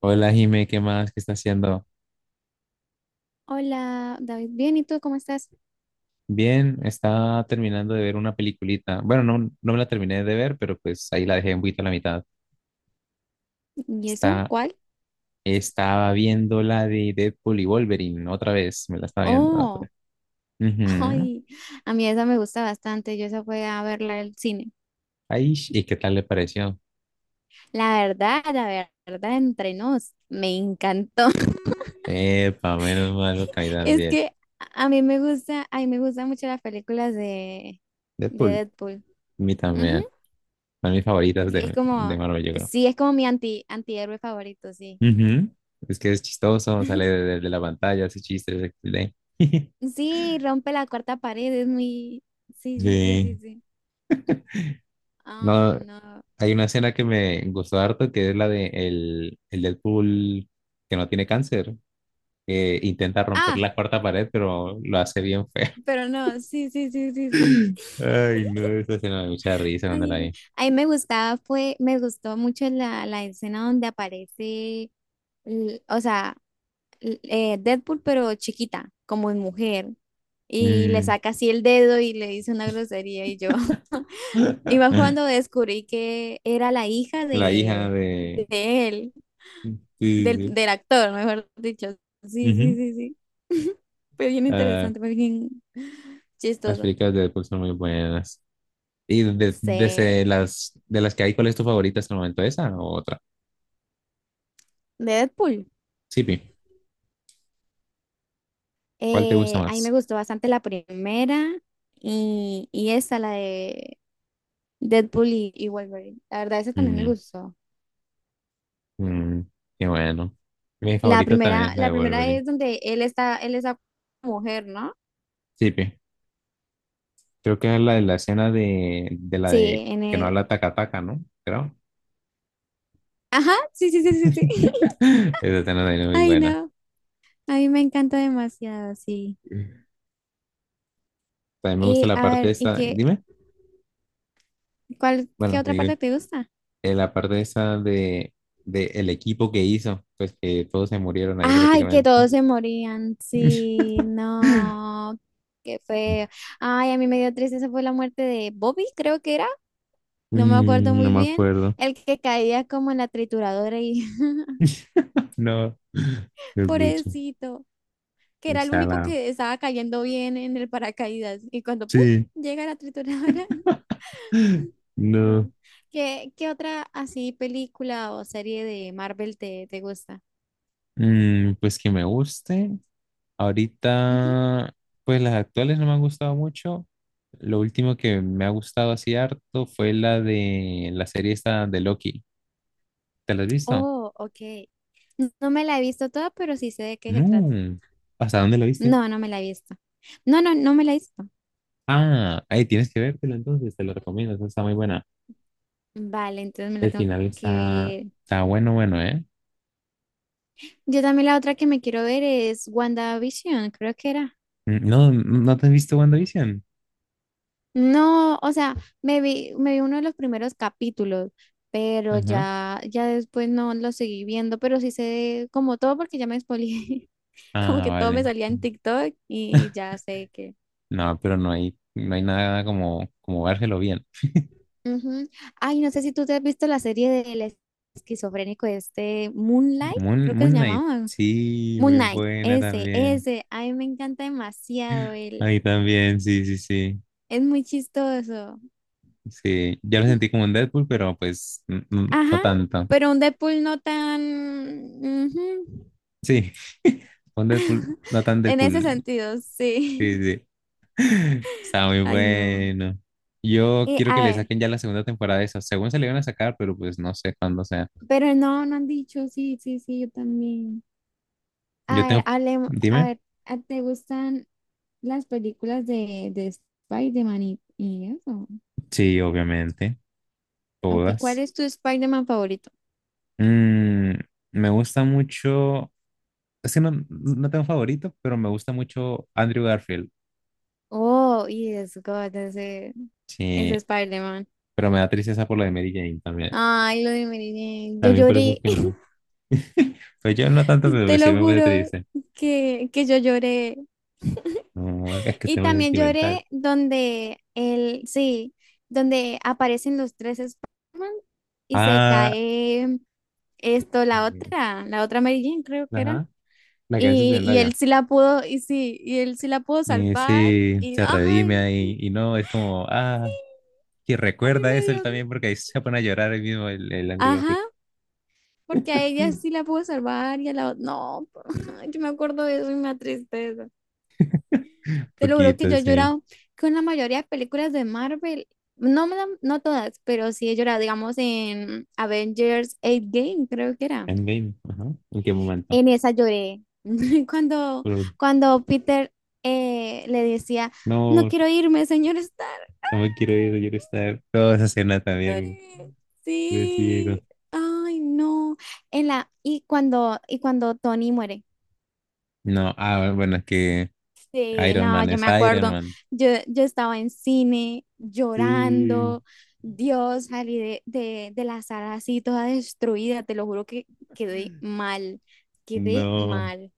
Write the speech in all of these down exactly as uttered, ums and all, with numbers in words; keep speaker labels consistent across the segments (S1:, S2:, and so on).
S1: Hola Jime, ¿qué más? ¿Qué está haciendo?
S2: Hola, David. Bien, ¿y tú cómo estás?
S1: Bien, está terminando de ver una peliculita. Bueno, no, no me la terminé de ver, pero pues ahí la dejé un poquito a la mitad.
S2: ¿Y eso?
S1: Está,
S2: ¿Cuál?
S1: Estaba viendo la de Deadpool y Wolverine otra vez, me la estaba viendo otra
S2: Oh,
S1: vez. Ujú.
S2: ay, a mí esa me gusta bastante. Yo esa fue a verla al cine.
S1: Ay, ¿y qué tal le pareció?
S2: La verdad, la verdad, entre nos, me encantó.
S1: Epa, menos mal porque a mí
S2: Es
S1: también.
S2: que a mí me gusta, a mí me gustan mucho las películas de, de
S1: Deadpool,
S2: Deadpool.
S1: a mí
S2: Ujú.
S1: también. Son mis favoritas
S2: Sí, es
S1: de,
S2: como,
S1: de Marvel, yo creo.
S2: sí, es como mi anti, antihéroe favorito, sí.
S1: Ujú. Es que es chistoso, sale de, de- de la pantalla, hace chistes, equis de.
S2: Sí, rompe la cuarta pared, es muy... Sí, sí, sí, sí,
S1: Sí.
S2: sí. Ay,
S1: No.
S2: no.
S1: Hay una escena que me gustó harto, que es la de el, el Deadpool que no tiene cáncer, que intenta romper
S2: Ah.
S1: la cuarta pared, pero lo hace bien feo.
S2: Pero no, sí, sí, sí, sí, sí.
S1: Ay, no, esa escena me da mucha risa cuando la
S2: Ay,
S1: vi.
S2: a mí me gustaba, fue, me gustó mucho la, la escena donde aparece, l- o sea, l- eh, Deadpool, pero chiquita, como en mujer, y le
S1: Mm.
S2: saca así el dedo y le dice una grosería y yo. Y más cuando descubrí que era la hija
S1: La hija
S2: de, de
S1: de...
S2: él,
S1: Sí,
S2: del,
S1: sí,
S2: del actor, mejor dicho.
S1: sí.
S2: Sí, sí,
S1: Ujú.
S2: sí, sí. Fue bien
S1: Ah,
S2: interesante, fue bien
S1: las
S2: chistoso.
S1: películas de Deadpool son muy buenas. ¿Y de,
S2: Sí,
S1: de ese-
S2: de
S1: las, de las que hay, cuál es tu favorita hasta el momento? ¿Esa o otra?
S2: Deadpool.
S1: Sí, Pi, ¿cuál te gusta
S2: Eh, a mí me
S1: más?
S2: gustó bastante la primera y, y esta, la de Deadpool y, y Wolverine. La verdad, esa también me
S1: Mm.
S2: gustó.
S1: Mm, qué bueno. Mi
S2: La
S1: favorita también
S2: primera,
S1: es la de
S2: la primera
S1: Wolverine.
S2: es donde él está, él es la mujer, ¿no?
S1: Sí, pi. Creo que es la de la escena de, de la de
S2: Sí, en
S1: que no
S2: el...
S1: habla taca taca, ¿no? Creo.
S2: Ajá, sí, sí, sí, sí, sí.
S1: Esa escena también es muy
S2: Ay,
S1: buena.
S2: no. A mí me encanta demasiado, sí.
S1: También me gusta
S2: Y
S1: la
S2: a
S1: parte
S2: ver, ¿y
S1: esa,
S2: qué,
S1: dime,
S2: cuál, qué
S1: bueno,
S2: otra
S1: digo,
S2: parte te gusta?
S1: eh, la parte esa de, de el equipo que hizo, pues que todos se murieron ahí
S2: Ay, que
S1: prácticamente.
S2: todos se morían. Sí, no. Qué feo. Ay, a mí me dio tristeza fue la muerte de Bobby, creo que era. No me acuerdo
S1: Mm, no
S2: muy
S1: me
S2: bien,
S1: acuerdo.
S2: el que caía como en la trituradora y
S1: No, es mucho.
S2: pobrecito, que
S1: O
S2: era el
S1: sea,
S2: único
S1: la...
S2: que estaba cayendo bien en el paracaídas y cuando ¡pum!
S1: Sí.
S2: Llega la trituradora.
S1: No.
S2: No. ¿Qué, qué otra así película o serie de Marvel te, te gusta?
S1: Mm, pues que me guste.
S2: Ujú.
S1: Ahorita, pues las actuales no me han gustado mucho. Lo último que me ha gustado así harto fue la de la serie esta de Loki. ¿Te la has visto?
S2: Oh, ok. No me la he visto toda, pero sí sé de qué se trata.
S1: No. ¿Hasta dónde la viste?
S2: No, no me la he visto. No, no, no me la he visto.
S1: Ah, ahí tienes que vértela entonces, te lo recomiendo, esa está muy buena.
S2: Vale, entonces me la
S1: El
S2: tengo
S1: final
S2: que
S1: está,
S2: ver.
S1: está bueno, bueno, ¿eh?
S2: Yo también la otra que me quiero ver es WandaVision, creo que era.
S1: No, ¿no te has visto WandaVision?
S2: No, o sea, me vi, me vi uno de los primeros capítulos, pero
S1: Ajá.
S2: ya, ya después no lo seguí viendo, pero sí sé como todo porque ya me spoileé, como
S1: Ah,
S2: que todo
S1: vale.
S2: me salía en TikTok y ya sé que.
S1: No, pero no hay, no hay nada como, como vérselo bien.
S2: Ujú. Ay, no sé si tú te has visto la serie del esquizofrénico este Moonlight,
S1: Moon,
S2: creo que
S1: Moon
S2: se
S1: Knight,
S2: llamaba.
S1: sí,
S2: Moon
S1: muy
S2: Knight,
S1: buena
S2: ese,
S1: también.
S2: ese, a mí me encanta demasiado
S1: A
S2: él,
S1: mí también, sí, sí, sí.
S2: es muy chistoso.
S1: Sí, yo lo sentí como un Deadpool, pero pues n- n- no
S2: Ajá,
S1: tanto.
S2: pero un Deadpool no tan... ujú.
S1: Sí, un Deadpool, no tan
S2: En ese
S1: Deadpool.
S2: sentido, sí.
S1: Sí, sí. Está muy
S2: Ay, no.
S1: bueno. Yo
S2: Eh,
S1: quiero que
S2: a
S1: le
S2: ver,
S1: saquen ya la segunda temporada de eso. Según se le iban a sacar, pero pues no sé cuándo sea.
S2: pero no, no han dicho, sí, sí, sí, yo también.
S1: Yo
S2: A ver,
S1: tengo.
S2: hablemos, a
S1: Dime.
S2: ver, ¿a- ¿te gustan las películas de, de Spider-Man y, y eso?
S1: Sí, obviamente.
S2: Ok, ¿cuál
S1: Todas.
S2: es tu Spider-Man favorito?
S1: Mm, me gusta mucho. Es que no, no tengo favorito, pero me gusta mucho Andrew Garfield.
S2: Oh, yes, God, ese, ese
S1: Sí,
S2: Spider-Man.
S1: pero me da tristeza por lo de Mary Jane también.
S2: Ay, lo de Mary Jane, yo
S1: También por eso es
S2: lloré,
S1: que me... Pues yo no tanto, pero
S2: te
S1: pues sí
S2: lo
S1: me puse
S2: juro
S1: triste.
S2: que, que yo lloré.
S1: No, es que
S2: Y
S1: estoy muy
S2: también
S1: sentimental.
S2: lloré donde el, sí, donde aparecen los tres Spider-Man y se
S1: Ah,
S2: cae esto, la
S1: eh,
S2: otra, la otra Mary Jane, creo que era.
S1: ajá, la que hace
S2: Y, y él
S1: Zendaya.
S2: sí la pudo, y sí, y él sí la pudo
S1: Y
S2: salvar.
S1: sí,
S2: Y
S1: se redime
S2: ay,
S1: ahí.
S2: sí,
S1: Y no, es como, ah, que
S2: a mí
S1: recuerda
S2: me
S1: eso él
S2: dio.
S1: también, porque ahí se pone a llorar el mismo, el, el Angry
S2: Ajá,
S1: Birds.
S2: porque a ella sí la pudo salvar y a la otra. No, yo me acuerdo de eso y me da tristeza. Te lo juro que
S1: Poquito,
S2: yo he
S1: sí.
S2: llorado con la mayoría de películas de Marvel. No, me la- no todas, pero sí he llorado, digamos, en Avengers Game creo que era.
S1: Endgame, ajá. ¿En qué momento?
S2: En esa lloré. Cuando,
S1: Pero
S2: cuando Peter eh, le decía, no
S1: no,
S2: quiero irme, señor Stark. ¡Ah!
S1: no me quiero ir, quiero estar. Toda esa escena también,
S2: Lloré.
S1: decido.
S2: Sí. Ay, no. En la, y cuando, y cuando Tony muere.
S1: No, ah, bueno, es que
S2: Sí,
S1: Iron
S2: no,
S1: Man
S2: yo
S1: es
S2: me
S1: Iron
S2: acuerdo,
S1: Man.
S2: yo, yo estaba en cine
S1: Sí.
S2: llorando, Dios, salí de, de, de la sala así toda destruida, te lo juro que quedé mal, quedé
S1: No,
S2: mal.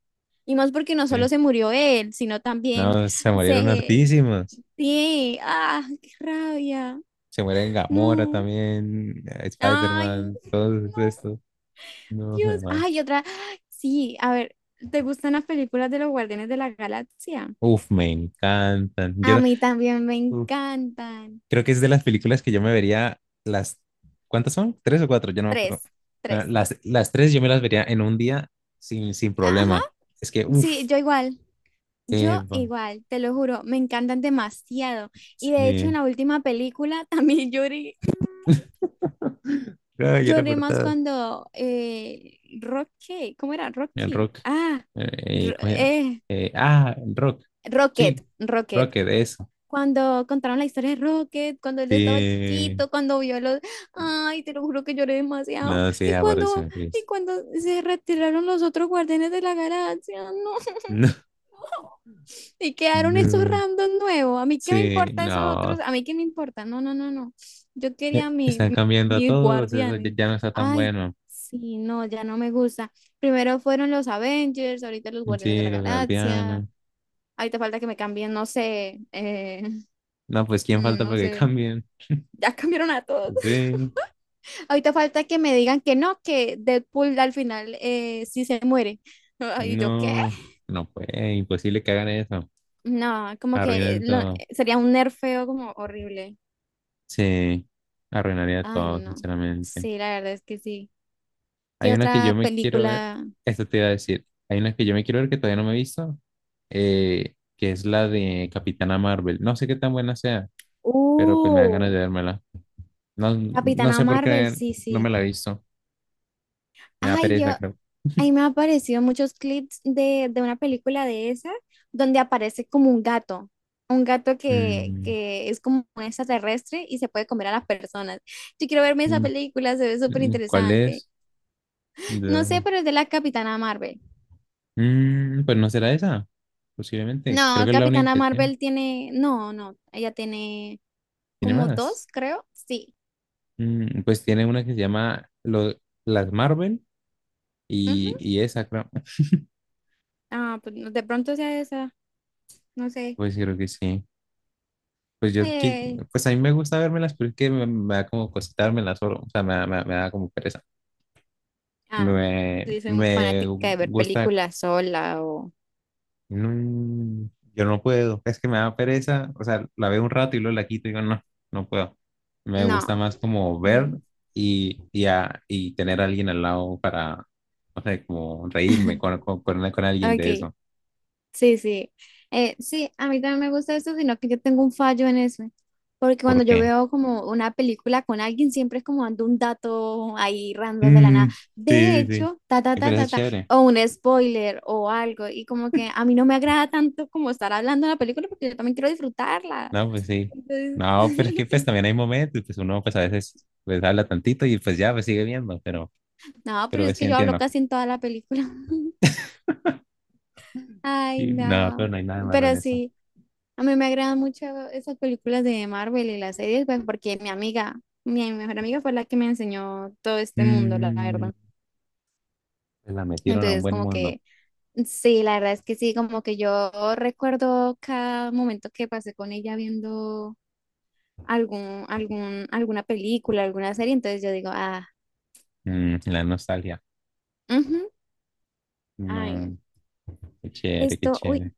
S2: Y más porque no
S1: eh,
S2: solo se murió él, sino también
S1: no, se murieron
S2: se...
S1: hartísimas.
S2: Sí, ah, qué rabia,
S1: Se mueren Gamora
S2: no,
S1: también, eh,
S2: ay,
S1: Spider-Man, todos
S2: no,
S1: estos. No, me
S2: Dios,
S1: ma-
S2: ay, otra, sí, a ver, ¿te gustan las películas de los Guardianes de la Galaxia?
S1: uf, me encantan. Yo
S2: A
S1: no-
S2: mí también me
S1: uf,
S2: encantan.
S1: creo que es de las películas que yo me vería las... ¿Cuántas son? ¿Tres o cuatro? Yo no me acuerdo.
S2: Tres,
S1: Ah,
S2: tres.
S1: Las, las tres yo me las vería en un día sin, sin
S2: Ajá,
S1: problema. Es que,
S2: sí,
S1: uf,
S2: yo igual,
S1: eh,
S2: yo igual, te lo juro, me encantan demasiado. Y de hecho en
S1: sí.
S2: la última película también lloré,
S1: No, yo era
S2: lloré más cuando eh, Rocky, ¿cómo era?
S1: En
S2: Rocky.
S1: rock.
S2: Ah,
S1: Eh,
S2: Ro-
S1: ¿cómo se llama?
S2: eh,
S1: Eh, ah, en rock. Sí,
S2: Rocket, Rocket.
S1: Rocket, eso.
S2: Cuando contaron la historia de Rocket, cuando él estaba
S1: Sí.
S2: chiquito, cuando vio los... Ay, te lo juro que lloré demasiado.
S1: No, sí,
S2: Y
S1: apareció
S2: cuando,
S1: una
S2: y
S1: actriz.
S2: cuando se retiraron los otros guardianes de la galaxia, no.
S1: No,
S2: Y quedaron esos
S1: no.
S2: random nuevos. A mí qué me
S1: Sí,
S2: importa esos otros,
S1: no.
S2: a mí qué me importa. No, no, no, no. Yo
S1: Eh,
S2: quería mi,
S1: están
S2: mi-
S1: cambiando a
S2: mis
S1: todos. Eso ya
S2: guardianes.
S1: ya no está tan
S2: Ay,
S1: bueno.
S2: sí, no, ya no me gusta. Primero fueron los Avengers, ahorita los Guardianes de
S1: Sí,
S2: la
S1: los
S2: Galaxia.
S1: guardianes.
S2: Ahorita falta que me cambien, no sé, eh,
S1: No, pues ¿quién
S2: mm,
S1: falta
S2: no
S1: para que
S2: sé.
S1: cambien?
S2: Ya cambiaron a todos.
S1: Sí.
S2: Ahorita falta que me digan que no, que Deadpool al final eh, sí se muere. ¿Y yo qué?
S1: No. No, pues imposible que hagan eso.
S2: No, como que eh,
S1: Arruinan
S2: lo- eh,
S1: todo.
S2: sería un nerfeo como horrible.
S1: Sí. Arruinaría
S2: Ay,
S1: todo,
S2: no.
S1: sinceramente.
S2: Sí, la verdad es que sí. ¿Qué
S1: Hay una que yo
S2: otra
S1: me quiero ver,
S2: película?
S1: esto te iba a decir, hay una que yo me quiero ver que todavía no me he visto, eh, que es la de Capitana Marvel. No sé qué tan buena sea, pero pues me dan
S2: Uh,
S1: ganas de vérmela. No, no
S2: Capitana
S1: sé por
S2: Marvel,
S1: qué
S2: sí,
S1: no me
S2: sí.
S1: la he visto, me da
S2: Ay,
S1: pereza,
S2: yo,
S1: creo.
S2: ahí me han aparecido muchos clips de, de una película de esa, donde aparece como un gato. Un gato que,
S1: Mm,
S2: que es como un extraterrestre y se puede comer a las personas. Yo quiero verme esa
S1: mm,
S2: película, se ve súper
S1: mm, ¿cuál
S2: interesante.
S1: es?
S2: No
S1: De-
S2: sé, pero es de la Capitana Marvel.
S1: Mm, pues no será esa, posiblemente. Creo
S2: No,
S1: que es la única
S2: Capitana
S1: que tiene.
S2: Marvel tiene, no, no, ella tiene
S1: ¿Tiene
S2: como
S1: más?
S2: dos, creo. Sí.
S1: Mm, pues tiene una que se llama lo- Las Marvel
S2: Ujú.
S1: y, y esa, creo.
S2: Ah, pues no- de pronto sea esa, no sé.
S1: Pues creo que sí. Pues yo, qui-
S2: Eh,
S1: pues a mí me gusta vérmelas pero es que me, me da como cosita vermelas solo, o sea, me, da- me, da me da como pereza.
S2: ah,
S1: Me,
S2: sí, soy muy
S1: me
S2: fanática de ver
S1: gusta,
S2: películas sola o...
S1: no, yo no puedo, es que me da pereza, o sea, la veo un rato y luego la quito y digo, no, no puedo. Me
S2: No.
S1: gusta más como ver
S2: Mm,
S1: y, y, a- y tener a alguien al lado para, no sé, como reírme con, con, con, con alguien
S2: ok,
S1: de eso.
S2: sí, sí. Eh, sí, a mí también me gusta eso, sino que yo tengo un fallo en eso. Porque cuando
S1: ¿Por
S2: yo
S1: qué?
S2: veo como una película con alguien, siempre es como dando un dato ahí random de la
S1: Mm,
S2: nada. De
S1: sí, sí, sí.
S2: hecho, ta, ta,
S1: Ay,
S2: ta,
S1: pero eso es
S2: ta, ta,
S1: chévere.
S2: o un spoiler o algo. Y como que a mí no me agrada tanto como estar hablando de la película porque yo también quiero disfrutarla.
S1: No, pues sí.
S2: Entonces,
S1: No, pero es que pues también hay momentos, pues uno pues a veces pues habla tantito y pues ya, pues sigue viendo, pero,
S2: no,
S1: pero
S2: pero es
S1: pues, sí
S2: que yo hablo
S1: entiendo.
S2: casi en toda la película. Ay,
S1: Y no, pero
S2: no.
S1: no hay nada malo en
S2: Pero
S1: eso.
S2: sí, a mí me agradan mucho esas películas de Marvel y las series, pues porque mi amiga, mi mejor amiga fue la que me enseñó todo este mundo, la
S1: Mm,
S2: verdad.
S1: pues, la metieron a un
S2: Entonces,
S1: buen
S2: como
S1: mundo.
S2: que, sí, la verdad es que sí, como que yo recuerdo cada momento que pasé con ella viendo algún, algún, alguna película, alguna serie, entonces yo digo, ah,
S1: Mm, la nostalgia.
S2: ujú, ay, no.
S1: No, qué chévere, qué
S2: Esto, uy.
S1: chévere.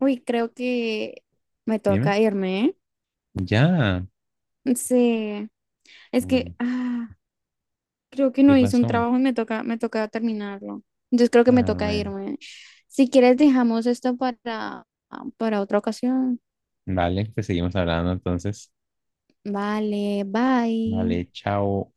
S2: Uy, creo que me
S1: Dime.
S2: toca irme,
S1: Ya.
S2: ¿eh? Sí, es que
S1: Mm,
S2: ah, creo que
S1: ¿qué
S2: no hice un
S1: pasó?
S2: trabajo y me toca, me toca terminarlo. Entonces creo que me
S1: Ah,
S2: toca
S1: bueno.
S2: irme. Si quieres, dejamos esto para, para otra ocasión.
S1: Vale, pues seguimos hablando entonces.
S2: Vale, bye.
S1: Vale, chao.